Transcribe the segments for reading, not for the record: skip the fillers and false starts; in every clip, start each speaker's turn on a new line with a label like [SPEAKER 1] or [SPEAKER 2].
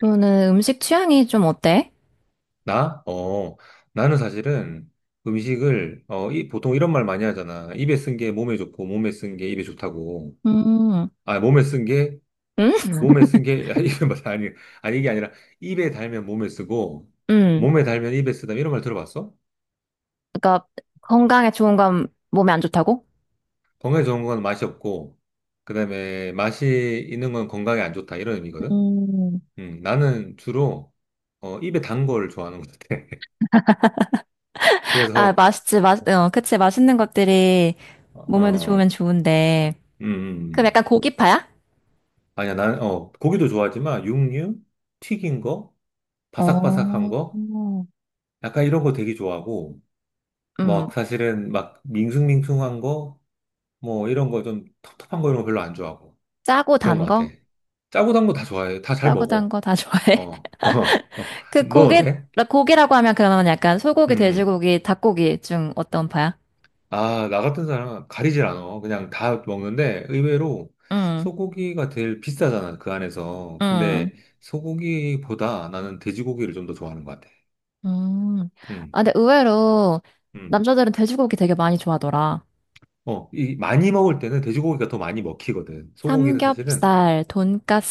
[SPEAKER 1] 너는 음식 취향이 좀 어때?
[SPEAKER 2] 나? 나는 사실은 음식을, 보통 이런 말 많이 하잖아. 입에 쓴 게 몸에 좋고, 몸에 쓴 게 입에 좋다고.
[SPEAKER 1] 음,
[SPEAKER 2] 아, 몸에 쓴 게,
[SPEAKER 1] 응?
[SPEAKER 2] 야, 입에, 맞아. 아니, 아니, 이게 아니라, 입에 달면 몸에 쓰고,
[SPEAKER 1] 응.
[SPEAKER 2] 몸에 달면 입에 쓰다. 이런 말 들어봤어?
[SPEAKER 1] 그러니까 건강에 좋은 건 몸에 안 좋다고?
[SPEAKER 2] 건강에 좋은 건 맛이 없고, 그 다음에 맛이 있는 건 건강에 안 좋다. 이런 의미거든?
[SPEAKER 1] 음,
[SPEAKER 2] 나는 주로, 입에 단 걸 좋아하는 것 같아.
[SPEAKER 1] 아,
[SPEAKER 2] 그래서,
[SPEAKER 1] 맛있지, 맛, 어, 그치, 맛있는 것들이
[SPEAKER 2] 어,
[SPEAKER 1] 몸에도 좋으면
[SPEAKER 2] 음,
[SPEAKER 1] 좋은데.
[SPEAKER 2] 음.
[SPEAKER 1] 그럼
[SPEAKER 2] 음.
[SPEAKER 1] 약간 고기파야?
[SPEAKER 2] 아니야, 난, 고기도 좋아하지만, 육류? 튀긴 거? 바삭바삭한
[SPEAKER 1] 어,
[SPEAKER 2] 거? 약간 이런 거 되게 좋아하고,
[SPEAKER 1] 음,
[SPEAKER 2] 막, 사실은 막, 밍숭밍숭한 거? 뭐, 이런 거 좀 텁텁한 거 이런 거 별로 안 좋아하고.
[SPEAKER 1] 짜고
[SPEAKER 2] 그런 거
[SPEAKER 1] 단
[SPEAKER 2] 같아.
[SPEAKER 1] 거?
[SPEAKER 2] 짜고 단 거 다 좋아해. 다 잘
[SPEAKER 1] 짜고 단
[SPEAKER 2] 먹어.
[SPEAKER 1] 거 다 좋아해?
[SPEAKER 2] 어, 어, 어.
[SPEAKER 1] 그
[SPEAKER 2] 넌
[SPEAKER 1] 고기,
[SPEAKER 2] 어때?
[SPEAKER 1] 고기라고 하면 그러면 약간 소고기,
[SPEAKER 2] 음.
[SPEAKER 1] 돼지고기, 닭고기 중 어떤 파야?
[SPEAKER 2] 아, 나 같은 사람은 가리질 않아. 그냥 다 먹는데, 의외로
[SPEAKER 1] 응,
[SPEAKER 2] 소고기가 제일 비싸잖아, 그 안에서.
[SPEAKER 1] 응.
[SPEAKER 2] 근데 소고기보다 나는 돼지고기를 좀 더 좋아하는 것 같아.
[SPEAKER 1] 음.
[SPEAKER 2] 음,
[SPEAKER 1] 아, 근데 의외로
[SPEAKER 2] 음.
[SPEAKER 1] 남자들은 돼지고기 되게 많이 좋아하더라.
[SPEAKER 2] 이 많이 먹을 때는 돼지고기가 더 많이 먹히거든. 소고기는 사실은,
[SPEAKER 1] 삼겹살,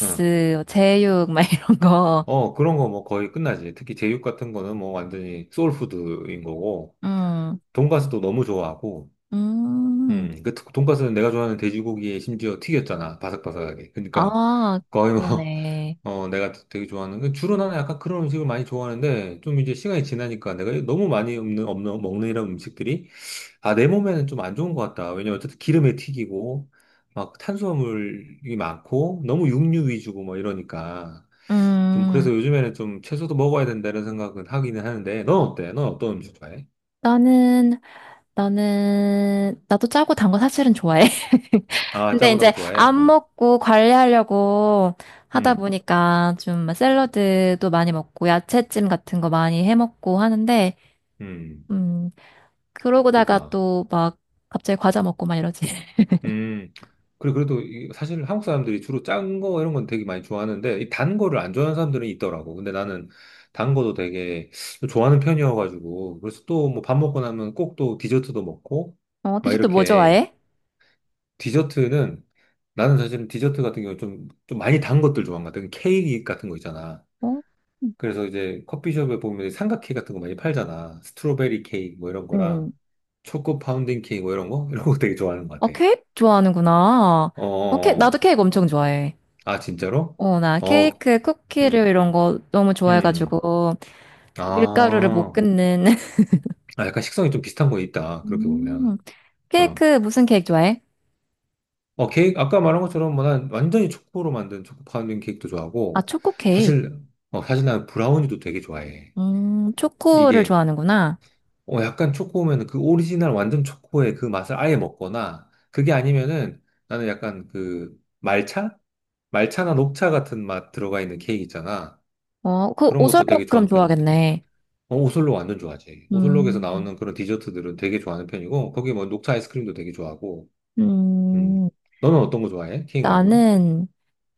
[SPEAKER 2] 어,
[SPEAKER 1] 제육, 막 이런 거.
[SPEAKER 2] 그런 거 뭐 거의 끝나지. 특히 제육 같은 거는 뭐 완전히 소울푸드인 거고,
[SPEAKER 1] 음,
[SPEAKER 2] 돈가스도 너무 좋아하고,
[SPEAKER 1] 음.
[SPEAKER 2] 그 돈가스는 내가 좋아하는 돼지고기에 심지어 튀겼잖아. 바삭바삭하게. 그러니까
[SPEAKER 1] 아,
[SPEAKER 2] 거의 뭐,
[SPEAKER 1] 그러네.
[SPEAKER 2] 내가 되게 좋아하는, 그 주로 나는 약간 그런 음식을 많이 좋아하는데, 좀 이제 시간이 지나니까 내가 너무 많이 먹는 이런 음식들이 아, 내 몸에는 좀 안 좋은 것 같다. 왜냐면 어쨌든 기름에 튀기고, 막 탄수화물이 많고, 너무 육류 위주고 뭐 이러니까. 좀
[SPEAKER 1] 음,
[SPEAKER 2] 그래서 요즘에는 좀 채소도 먹어야 된다는 생각은 하기는 하는데, 넌 어때? 넌 어떤 음식 좋아해?
[SPEAKER 1] 나는, 나는, 나도 짜고 단 거 사실은 좋아해.
[SPEAKER 2] 아,
[SPEAKER 1] 근데
[SPEAKER 2] 짜고 단 거
[SPEAKER 1] 이제
[SPEAKER 2] 좋아해?
[SPEAKER 1] 안
[SPEAKER 2] 어.
[SPEAKER 1] 먹고 관리하려고 하다
[SPEAKER 2] 음,
[SPEAKER 1] 보니까 좀 샐러드도 많이 먹고 야채찜 같은 거 많이 해 먹고 하는데,
[SPEAKER 2] 음,
[SPEAKER 1] 음, 그러고다가
[SPEAKER 2] 그렇구나.
[SPEAKER 1] 또 막 갑자기 과자 먹고 막 이러지.
[SPEAKER 2] 음. 그래, 그래도 사실 한국 사람들이 주로 짠 거 이런 건 되게 많이 좋아하는데, 이 단 거를 안 좋아하는 사람들은 있더라고. 근데 나는 단 거도 되게 좋아하는 편이어가지고, 그래서 또 뭐 밥 먹고 나면 꼭 또 디저트도 먹고,
[SPEAKER 1] 어,
[SPEAKER 2] 막
[SPEAKER 1] 디저트 뭐
[SPEAKER 2] 이렇게.
[SPEAKER 1] 좋아해?
[SPEAKER 2] 디저트는, 나는 사실은 디저트 같은 경우 좀 많이 단 것들 좋아한 것 같아. 그 케이크 같은 거 있잖아.
[SPEAKER 1] 어?
[SPEAKER 2] 그래서 이제 커피숍에 보면 삼각 케이크 같은 거 많이 팔잖아. 스트로베리 케이크 뭐 이런 거랑,
[SPEAKER 1] 응,
[SPEAKER 2] 초코 파운딩 케이크 뭐 이런 거? 이런 거 되게 좋아하는 것
[SPEAKER 1] 어,
[SPEAKER 2] 같아.
[SPEAKER 1] 케이크 좋아하는구나.
[SPEAKER 2] 어. 어,
[SPEAKER 1] 어, 케 나도
[SPEAKER 2] 어.
[SPEAKER 1] 케이크 엄청 좋아해.
[SPEAKER 2] 아, 진짜로?
[SPEAKER 1] 어, 나
[SPEAKER 2] 어,
[SPEAKER 1] 케이크, 쿠키를
[SPEAKER 2] 음,
[SPEAKER 1] 이런 거 너무
[SPEAKER 2] 음, 음.
[SPEAKER 1] 좋아해가지고 밀가루를 못
[SPEAKER 2] 아,
[SPEAKER 1] 끊는.
[SPEAKER 2] 아, 약간 식성이 좀 비슷한 거 있다. 그렇게
[SPEAKER 1] 음,
[SPEAKER 2] 보면. 어,
[SPEAKER 1] 케이크 무슨 케이크 좋아해?
[SPEAKER 2] 케이크, 아까 말한 것처럼 뭐 난 완전히 초코로 만든 초코 파운딩 케이크도
[SPEAKER 1] 아,
[SPEAKER 2] 좋아하고,
[SPEAKER 1] 초코 케이크.
[SPEAKER 2] 사실, 사실 난 브라우니도 되게 좋아해.
[SPEAKER 1] 초코를
[SPEAKER 2] 이게,
[SPEAKER 1] 좋아하는구나.
[SPEAKER 2] 약간 초코면 그 오리지널 완전 초코의 그 맛을 아예 먹거나, 그게 아니면은 나는 약간 그 말차? 말차나 녹차 같은 맛 들어가 있는 케이크 있잖아.
[SPEAKER 1] 어, 그
[SPEAKER 2] 그런 것도 되게
[SPEAKER 1] 오설록 그럼
[SPEAKER 2] 좋아하는 편인 것 같아.
[SPEAKER 1] 좋아하겠네.
[SPEAKER 2] 어, 오슬로 완전 좋아하지. 오슬로에서
[SPEAKER 1] 음,
[SPEAKER 2] 나오는 그런 디저트들은 되게 좋아하는 편이고, 거기 뭐 녹차 아이스크림도 되게 좋아하고, 음.
[SPEAKER 1] 음.
[SPEAKER 2] 너는 어떤 거 좋아해? 케이크 말고는?
[SPEAKER 1] 나는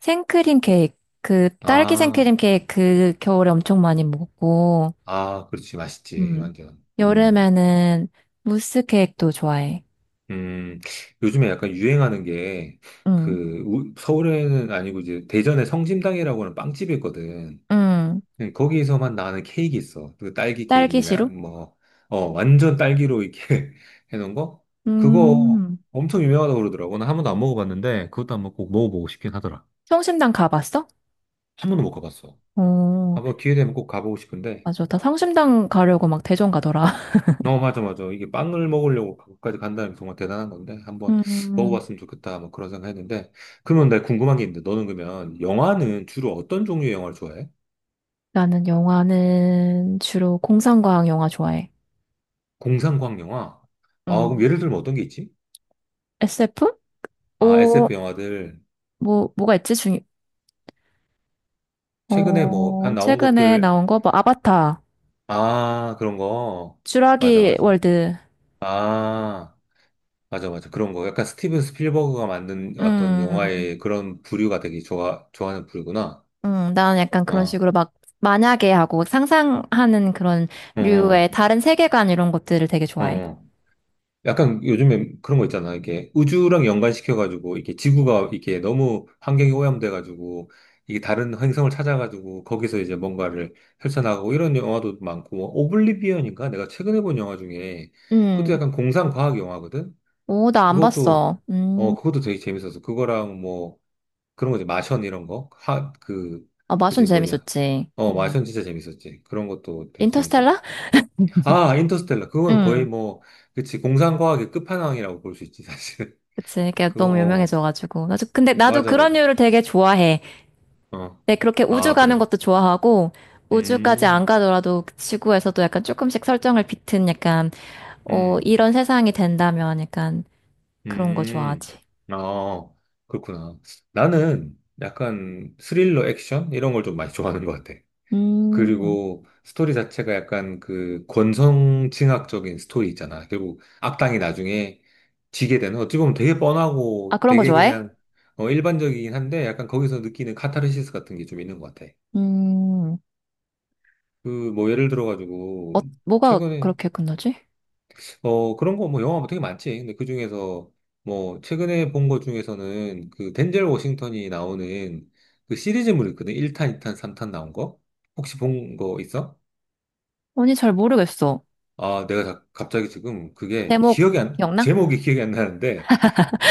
[SPEAKER 1] 생크림 케이크, 그 딸기
[SPEAKER 2] 아,
[SPEAKER 1] 생크림 케이크 그 겨울에 엄청 많이 먹고,
[SPEAKER 2] 아, 그렇지. 맛있지.
[SPEAKER 1] 음.
[SPEAKER 2] 완전.
[SPEAKER 1] 여름에는 무스 케이크도 좋아해.
[SPEAKER 2] 음. 요즘에 약간 유행하는 게,
[SPEAKER 1] 응,
[SPEAKER 2] 그, 서울에는 아니고 이제 대전에 성심당이라고 하는 빵집이 있거든.
[SPEAKER 1] 응.
[SPEAKER 2] 네, 거기서만 나는 케이크 있어. 그 딸기
[SPEAKER 1] 딸기
[SPEAKER 2] 케이크나
[SPEAKER 1] 시루?
[SPEAKER 2] 뭐, 어, 완전 딸기로 이렇게 해놓은 거? 그거
[SPEAKER 1] 음.
[SPEAKER 2] 엄청 유명하다고 그러더라고. 나 한 번도 안 먹어봤는데, 그것도 한번 꼭 먹어보고 싶긴 하더라.
[SPEAKER 1] 성심당 가봤어?
[SPEAKER 2] 한 번도 못 가봤어.
[SPEAKER 1] 어,
[SPEAKER 2] 한번 기회 되면 꼭 가보고 싶은데,
[SPEAKER 1] 맞아. 다 성심당 가려고 막 대전 가더라.
[SPEAKER 2] 어, 맞아, 맞아. 이게 빵을 먹으려고 거기까지 간다는 게 정말 대단한 건데, 한번
[SPEAKER 1] 음.
[SPEAKER 2] 먹어봤으면 좋겠다. 뭐 그런 생각 했는데, 그러면 나 궁금한 게 있는데, 너는 그러면 영화는 주로 어떤 종류의 영화를 좋아해?
[SPEAKER 1] 나는 영화는 주로 공상과학 영화 좋아해.
[SPEAKER 2] 공상과학 영화? 아, 그럼
[SPEAKER 1] 음.
[SPEAKER 2] 예를 들면 어떤 게 있지?
[SPEAKER 1] SF?
[SPEAKER 2] 아,
[SPEAKER 1] 오,
[SPEAKER 2] SF 영화들.
[SPEAKER 1] 뭐, 뭐가 있지? 중,
[SPEAKER 2] 최근에 뭐,
[SPEAKER 1] 어,
[SPEAKER 2] 한 나온
[SPEAKER 1] 최근에
[SPEAKER 2] 것들,
[SPEAKER 1] 나온 거, 뭐, 아바타.
[SPEAKER 2] 아, 그런 거. 맞아,
[SPEAKER 1] 쥬라기
[SPEAKER 2] 맞아.
[SPEAKER 1] 월드.
[SPEAKER 2] 아, 맞아, 맞아. 그런 거. 약간 스티븐 스필버그가 만든 어떤
[SPEAKER 1] 음,
[SPEAKER 2] 영화의 그런 부류가 되게 좋아하는 부류구나.
[SPEAKER 1] 나는 약간 그런
[SPEAKER 2] 어,
[SPEAKER 1] 식으로 막 만약에 하고 상상하는 그런
[SPEAKER 2] 어, 어.
[SPEAKER 1] 류의 다른 세계관 이런 것들을 되게 좋아해.
[SPEAKER 2] 어. 약간 요즘에 그런 거 있잖아. 이게 우주랑 연관시켜가지고, 이게 지구가 이게 너무 환경이 오염돼가지고, 이게 다른 행성을 찾아가지고, 거기서 이제 뭔가를 펼쳐나가고, 이런 영화도 많고, 뭐 오블리비언인가? 내가 최근에 본 영화 중에, 그것도
[SPEAKER 1] 음,
[SPEAKER 2] 약간 공상과학 영화거든?
[SPEAKER 1] 오, 나 안
[SPEAKER 2] 그것도
[SPEAKER 1] 봤어.
[SPEAKER 2] 그것도 되게 재밌었어. 그거랑 뭐 그런 거지 마션 이런 거. 하 그
[SPEAKER 1] 아, 마션
[SPEAKER 2] 그지 뭐냐.
[SPEAKER 1] 재밌었지. 음.
[SPEAKER 2] 마션 진짜 재밌었지. 그런 것도 되게 재밌었고.
[SPEAKER 1] 인터스텔라?
[SPEAKER 2] 아 인터스텔라 그건 거의
[SPEAKER 1] 음,
[SPEAKER 2] 뭐 그치 공상과학의 끝판왕이라고 볼 수 있지 사실.
[SPEAKER 1] 그치. 이게
[SPEAKER 2] 그거
[SPEAKER 1] 너무
[SPEAKER 2] 어
[SPEAKER 1] 유명해져가지고. 나도, 근데 나도
[SPEAKER 2] 맞아
[SPEAKER 1] 그런
[SPEAKER 2] 맞아.
[SPEAKER 1] 류를 되게 좋아해.
[SPEAKER 2] 어
[SPEAKER 1] 근데 그렇게 우주
[SPEAKER 2] 아
[SPEAKER 1] 가는
[SPEAKER 2] 그래.
[SPEAKER 1] 것도 좋아하고, 우주까지 안
[SPEAKER 2] 음
[SPEAKER 1] 가더라도 그 지구에서도 약간 조금씩 설정을 비튼 약간, 어,
[SPEAKER 2] 음,
[SPEAKER 1] 이런 세상이 된다면 약간 그런 거
[SPEAKER 2] 음.
[SPEAKER 1] 좋아하지.
[SPEAKER 2] 아 그렇구나. 나는 약간 스릴러 액션 이런 걸 좀 많이 좋아하는 것 같아.
[SPEAKER 1] 음,
[SPEAKER 2] 그리고 스토리 자체가 약간 그 권선징악적인 스토리 있잖아. 결국 악당이 나중에 지게 되는 어찌 보면 되게
[SPEAKER 1] 아,
[SPEAKER 2] 뻔하고
[SPEAKER 1] 그런 거
[SPEAKER 2] 되게
[SPEAKER 1] 좋아해?
[SPEAKER 2] 그냥 일반적이긴 한데 약간 거기서 느끼는 카타르시스 같은 게 좀 있는 것 같아.
[SPEAKER 1] 음,
[SPEAKER 2] 그 뭐 예를
[SPEAKER 1] 어,
[SPEAKER 2] 들어가지고
[SPEAKER 1] 뭐가
[SPEAKER 2] 최근에
[SPEAKER 1] 그렇게 끝나지?
[SPEAKER 2] 그런 거 뭐 영화 뭐 되게 많지. 근데 그 중에서 뭐 최근에 본 것 중에서는 그 덴젤 워싱턴이 나오는 그 시리즈물 있거든. 1탄, 2탄, 3탄 나온 거. 혹시 본 거 있어?
[SPEAKER 1] 아니, 잘 모르겠어.
[SPEAKER 2] 아, 내가 갑자기 지금 그게
[SPEAKER 1] 제목
[SPEAKER 2] 기억이 안,
[SPEAKER 1] 기억나?
[SPEAKER 2] 제목이 기억이 안 나는데,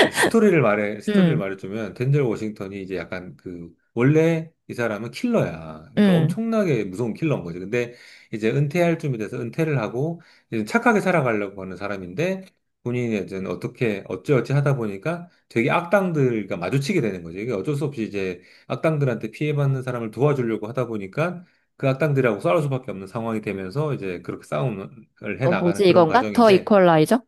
[SPEAKER 2] 스토리를
[SPEAKER 1] 음,
[SPEAKER 2] 말해주면, 덴젤 워싱턴이 이제 약간 그, 원래 이 사람은 킬러야. 그러니까
[SPEAKER 1] 음.
[SPEAKER 2] 엄청나게 무서운 킬러인 거지. 근데 이제 은퇴할 쯤이 돼서 은퇴를 하고, 이제 착하게 살아가려고 하는 사람인데, 본인이 이제 어떻게, 어찌어찌 하다 보니까 되게 악당들과 마주치게 되는 거지. 이게 어쩔 수 없이 이제 악당들한테 피해받는 사람을 도와주려고 하다 보니까, 그 악당들하고 싸울 수밖에 없는 상황이 되면서 이제 그렇게 싸움을 해
[SPEAKER 1] 어,
[SPEAKER 2] 나가는
[SPEAKER 1] 뭐지,
[SPEAKER 2] 그런
[SPEAKER 1] 이건가? 더
[SPEAKER 2] 과정인데,
[SPEAKER 1] 이퀄라이저?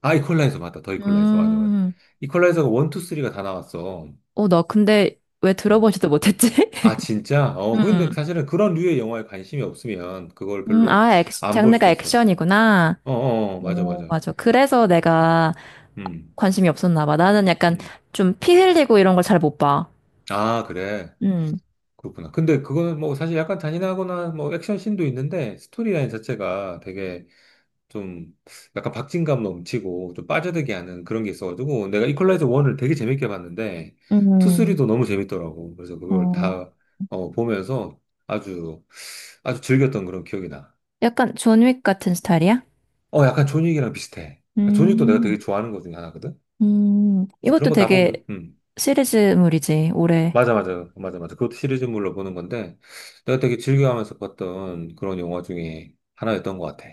[SPEAKER 2] 아, 이퀄라이저 맞다. 더 이퀄라이저. 맞아, 맞아.
[SPEAKER 1] 음,
[SPEAKER 2] 이퀄라이저가 원, 투, 쓰리가다 나왔어.
[SPEAKER 1] 어, 나 근데 왜
[SPEAKER 2] 음.
[SPEAKER 1] 들어보지도 못했지?
[SPEAKER 2] 아, 진짜? 어, 근데
[SPEAKER 1] 음,
[SPEAKER 2] 사실은 그런 류의 영화에 관심이 없으면 그걸 별로
[SPEAKER 1] 아, 액,
[SPEAKER 2] 안 볼
[SPEAKER 1] 장르가
[SPEAKER 2] 수도 있어.
[SPEAKER 1] 액션이구나.
[SPEAKER 2] 어, 어, 어, 맞아,
[SPEAKER 1] 오,
[SPEAKER 2] 맞아.
[SPEAKER 1] 맞아. 그래서 내가
[SPEAKER 2] 음,
[SPEAKER 1] 관심이 없었나 봐. 나는 약간
[SPEAKER 2] 음.
[SPEAKER 1] 좀 피 흘리고 이런 걸 잘 못 봐.
[SPEAKER 2] 아, 그래.
[SPEAKER 1] 음,
[SPEAKER 2] 그렇구나. 근데 그거는 뭐 사실 약간 잔인하거나 뭐 액션 씬도 있는데 스토리라인 자체가 되게 좀 약간 박진감 넘치고 좀 빠져들게 하는 그런 게 있어가지고 내가 이퀄라이저 1을 되게 재밌게 봤는데 2,
[SPEAKER 1] 음,
[SPEAKER 2] 3도 너무 재밌더라고. 그래서 그걸
[SPEAKER 1] 어,
[SPEAKER 2] 다 보면서 아주 아주 즐겼던 그런 기억이 나.
[SPEAKER 1] 약간 존윅 같은 스타일이야?
[SPEAKER 2] 약간 존윅이랑 비슷해. 존윅도 내가
[SPEAKER 1] 음.
[SPEAKER 2] 되게 좋아하는 것 중에 하나거든.
[SPEAKER 1] 이것도
[SPEAKER 2] 그런 거 다 보면
[SPEAKER 1] 되게 시리즈물이지, 올해.
[SPEAKER 2] 맞아 맞아 맞아 맞아 그것도 시리즈물로 보는 건데 내가 되게 즐겨하면서 봤던 그런 영화 중에 하나였던 것 같아.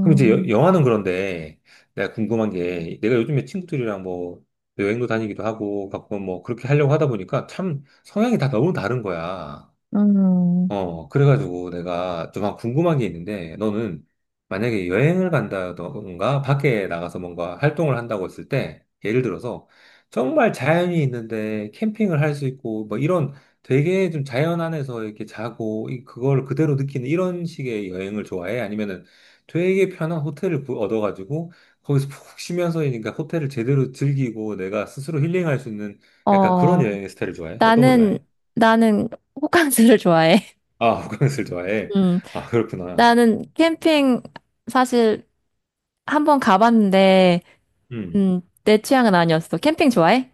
[SPEAKER 2] 그럼 이제 영화는 그런데 내가 궁금한 게 내가 요즘에 친구들이랑 뭐 여행도 다니기도 하고 가끔 뭐 그렇게 하려고 하다 보니까 참 성향이 다 너무 다른 거야.
[SPEAKER 1] 음,
[SPEAKER 2] 어, 그래가지고 내가 좀 궁금한 게 있는데, 너는 만약에 여행을 간다던가 밖에 나가서 뭔가 활동을 한다고 했을 때, 예를 들어서 정말 자연이 있는데 캠핑을 할 수 있고, 뭐 이런 되게 좀 자연 안에서 이렇게 자고, 그걸 그대로 느끼는 이런 식의 여행을 좋아해? 아니면은 되게 편한 호텔을 얻어가지고, 거기서 푹 쉬면서 그러니까 호텔을 제대로 즐기고 내가 스스로 힐링할 수 있는 약간 그런
[SPEAKER 1] 어,
[SPEAKER 2] 여행의 스타일을 좋아해? 어떤 걸
[SPEAKER 1] 나는,
[SPEAKER 2] 좋아해?
[SPEAKER 1] 나는 호캉스를 좋아해.
[SPEAKER 2] 아, 호캉스를 좋아해.
[SPEAKER 1] 음,
[SPEAKER 2] 아, 그렇구나.
[SPEAKER 1] 나는 캠핑 사실 한번 가봤는데,
[SPEAKER 2] 음.
[SPEAKER 1] 내 취향은 아니었어. 캠핑 좋아해?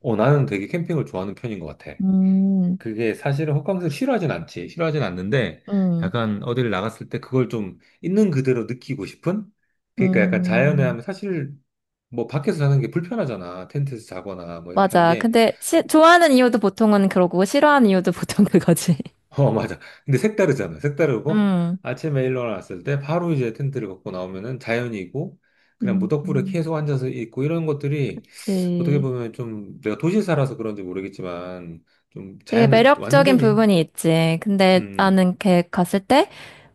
[SPEAKER 2] 어, 나는 되게 캠핑을 좋아하는 편인 것 같아.
[SPEAKER 1] 음,
[SPEAKER 2] 그게 사실은 호캉스를 싫어하진 않지. 싫어하진 않는데,
[SPEAKER 1] 음,
[SPEAKER 2] 약간 어디를 나갔을 때 그걸 좀 있는 그대로 느끼고 싶은? 그러니까 약간 자연에
[SPEAKER 1] 음,
[SPEAKER 2] 하면 사실 뭐 밖에서 자는 게 불편하잖아. 텐트에서 자거나 뭐 이렇게 하는
[SPEAKER 1] 맞아.
[SPEAKER 2] 게.
[SPEAKER 1] 근데 시- 좋아하는 이유도 보통은 그러고, 싫어하는 이유도 보통 그거지.
[SPEAKER 2] 어, 맞아. 근데 색다르잖아. 색다르고
[SPEAKER 1] 음,
[SPEAKER 2] 아침에 일어났을 때 바로 이제 텐트를 걷고 나오면은 자연이고 그냥 무덕불에
[SPEAKER 1] 음,
[SPEAKER 2] 계속 앉아서 있고 이런 것들이 어떻게
[SPEAKER 1] 그치.
[SPEAKER 2] 보면 좀 내가 도시에 살아서 그런지 모르겠지만 좀
[SPEAKER 1] 되게
[SPEAKER 2] 자연을
[SPEAKER 1] 매력적인
[SPEAKER 2] 완전히
[SPEAKER 1] 부분이 있지. 근데
[SPEAKER 2] 음,
[SPEAKER 1] 나는 걔 갔을 때,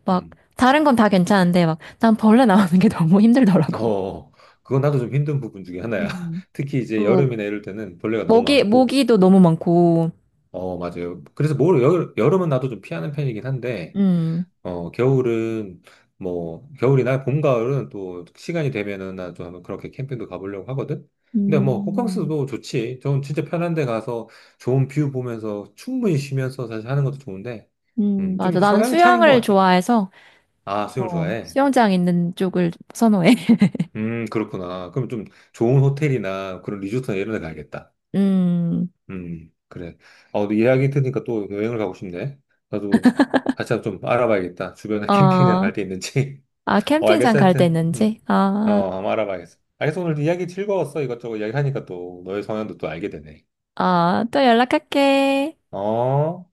[SPEAKER 1] 막,
[SPEAKER 2] 음.
[SPEAKER 1] 다른 건 다 괜찮은데, 막, 난 벌레 나오는 게 너무 힘들더라고.
[SPEAKER 2] 어, 그건 나도 좀 힘든 부분 중에 하나야.
[SPEAKER 1] 음.
[SPEAKER 2] 특히 이제
[SPEAKER 1] 그,
[SPEAKER 2] 여름이나 이럴 때는 벌레가 너무
[SPEAKER 1] 모기,
[SPEAKER 2] 많고
[SPEAKER 1] 모기도 너무 많고,
[SPEAKER 2] 어, 맞아요. 그래서 뭘 여름은 나도 좀 피하는 편이긴 한데
[SPEAKER 1] 음,
[SPEAKER 2] 겨울은 뭐 겨울이나 봄, 가을은 또 시간이 되면은 나좀 한번 그렇게 캠핑도 가보려고 하거든. 근데 뭐
[SPEAKER 1] 음.
[SPEAKER 2] 호캉스도 좋지. 좀 진짜 편한 데 가서 좋은 뷰 보면서 충분히 쉬면서 사실 하는 것도 좋은데,
[SPEAKER 1] 음.
[SPEAKER 2] 좀
[SPEAKER 1] 맞아. 나는
[SPEAKER 2] 성향 차이인 것
[SPEAKER 1] 수영을
[SPEAKER 2] 같아.
[SPEAKER 1] 좋아해서,
[SPEAKER 2] 아, 수영을
[SPEAKER 1] 어,
[SPEAKER 2] 좋아해.
[SPEAKER 1] 수영장 있는 쪽을 선호해.
[SPEAKER 2] 그렇구나. 그럼 좀 좋은 호텔이나 그런 리조트나 이런 데 가야겠다.
[SPEAKER 1] 음,
[SPEAKER 2] 그래. 어, 너 이야기 들으니까 또 여행을 가고 싶네. 나도 같이 한번 좀 알아봐야겠다. 주변에 캠핑장
[SPEAKER 1] 어,
[SPEAKER 2] 갈데 있는지.
[SPEAKER 1] 아,
[SPEAKER 2] 어,
[SPEAKER 1] 캠핑장
[SPEAKER 2] 알겠어.
[SPEAKER 1] 갈 때
[SPEAKER 2] 하여튼. 음.
[SPEAKER 1] 있는지? 아,
[SPEAKER 2] 어, 한번 알아봐야겠어. 알겠어. 오늘 이야기 즐거웠어. 이것저것 이야기하니까 또 너의 성향도 또 알게 되네.
[SPEAKER 1] 아, 또 연락할게.
[SPEAKER 2] 어?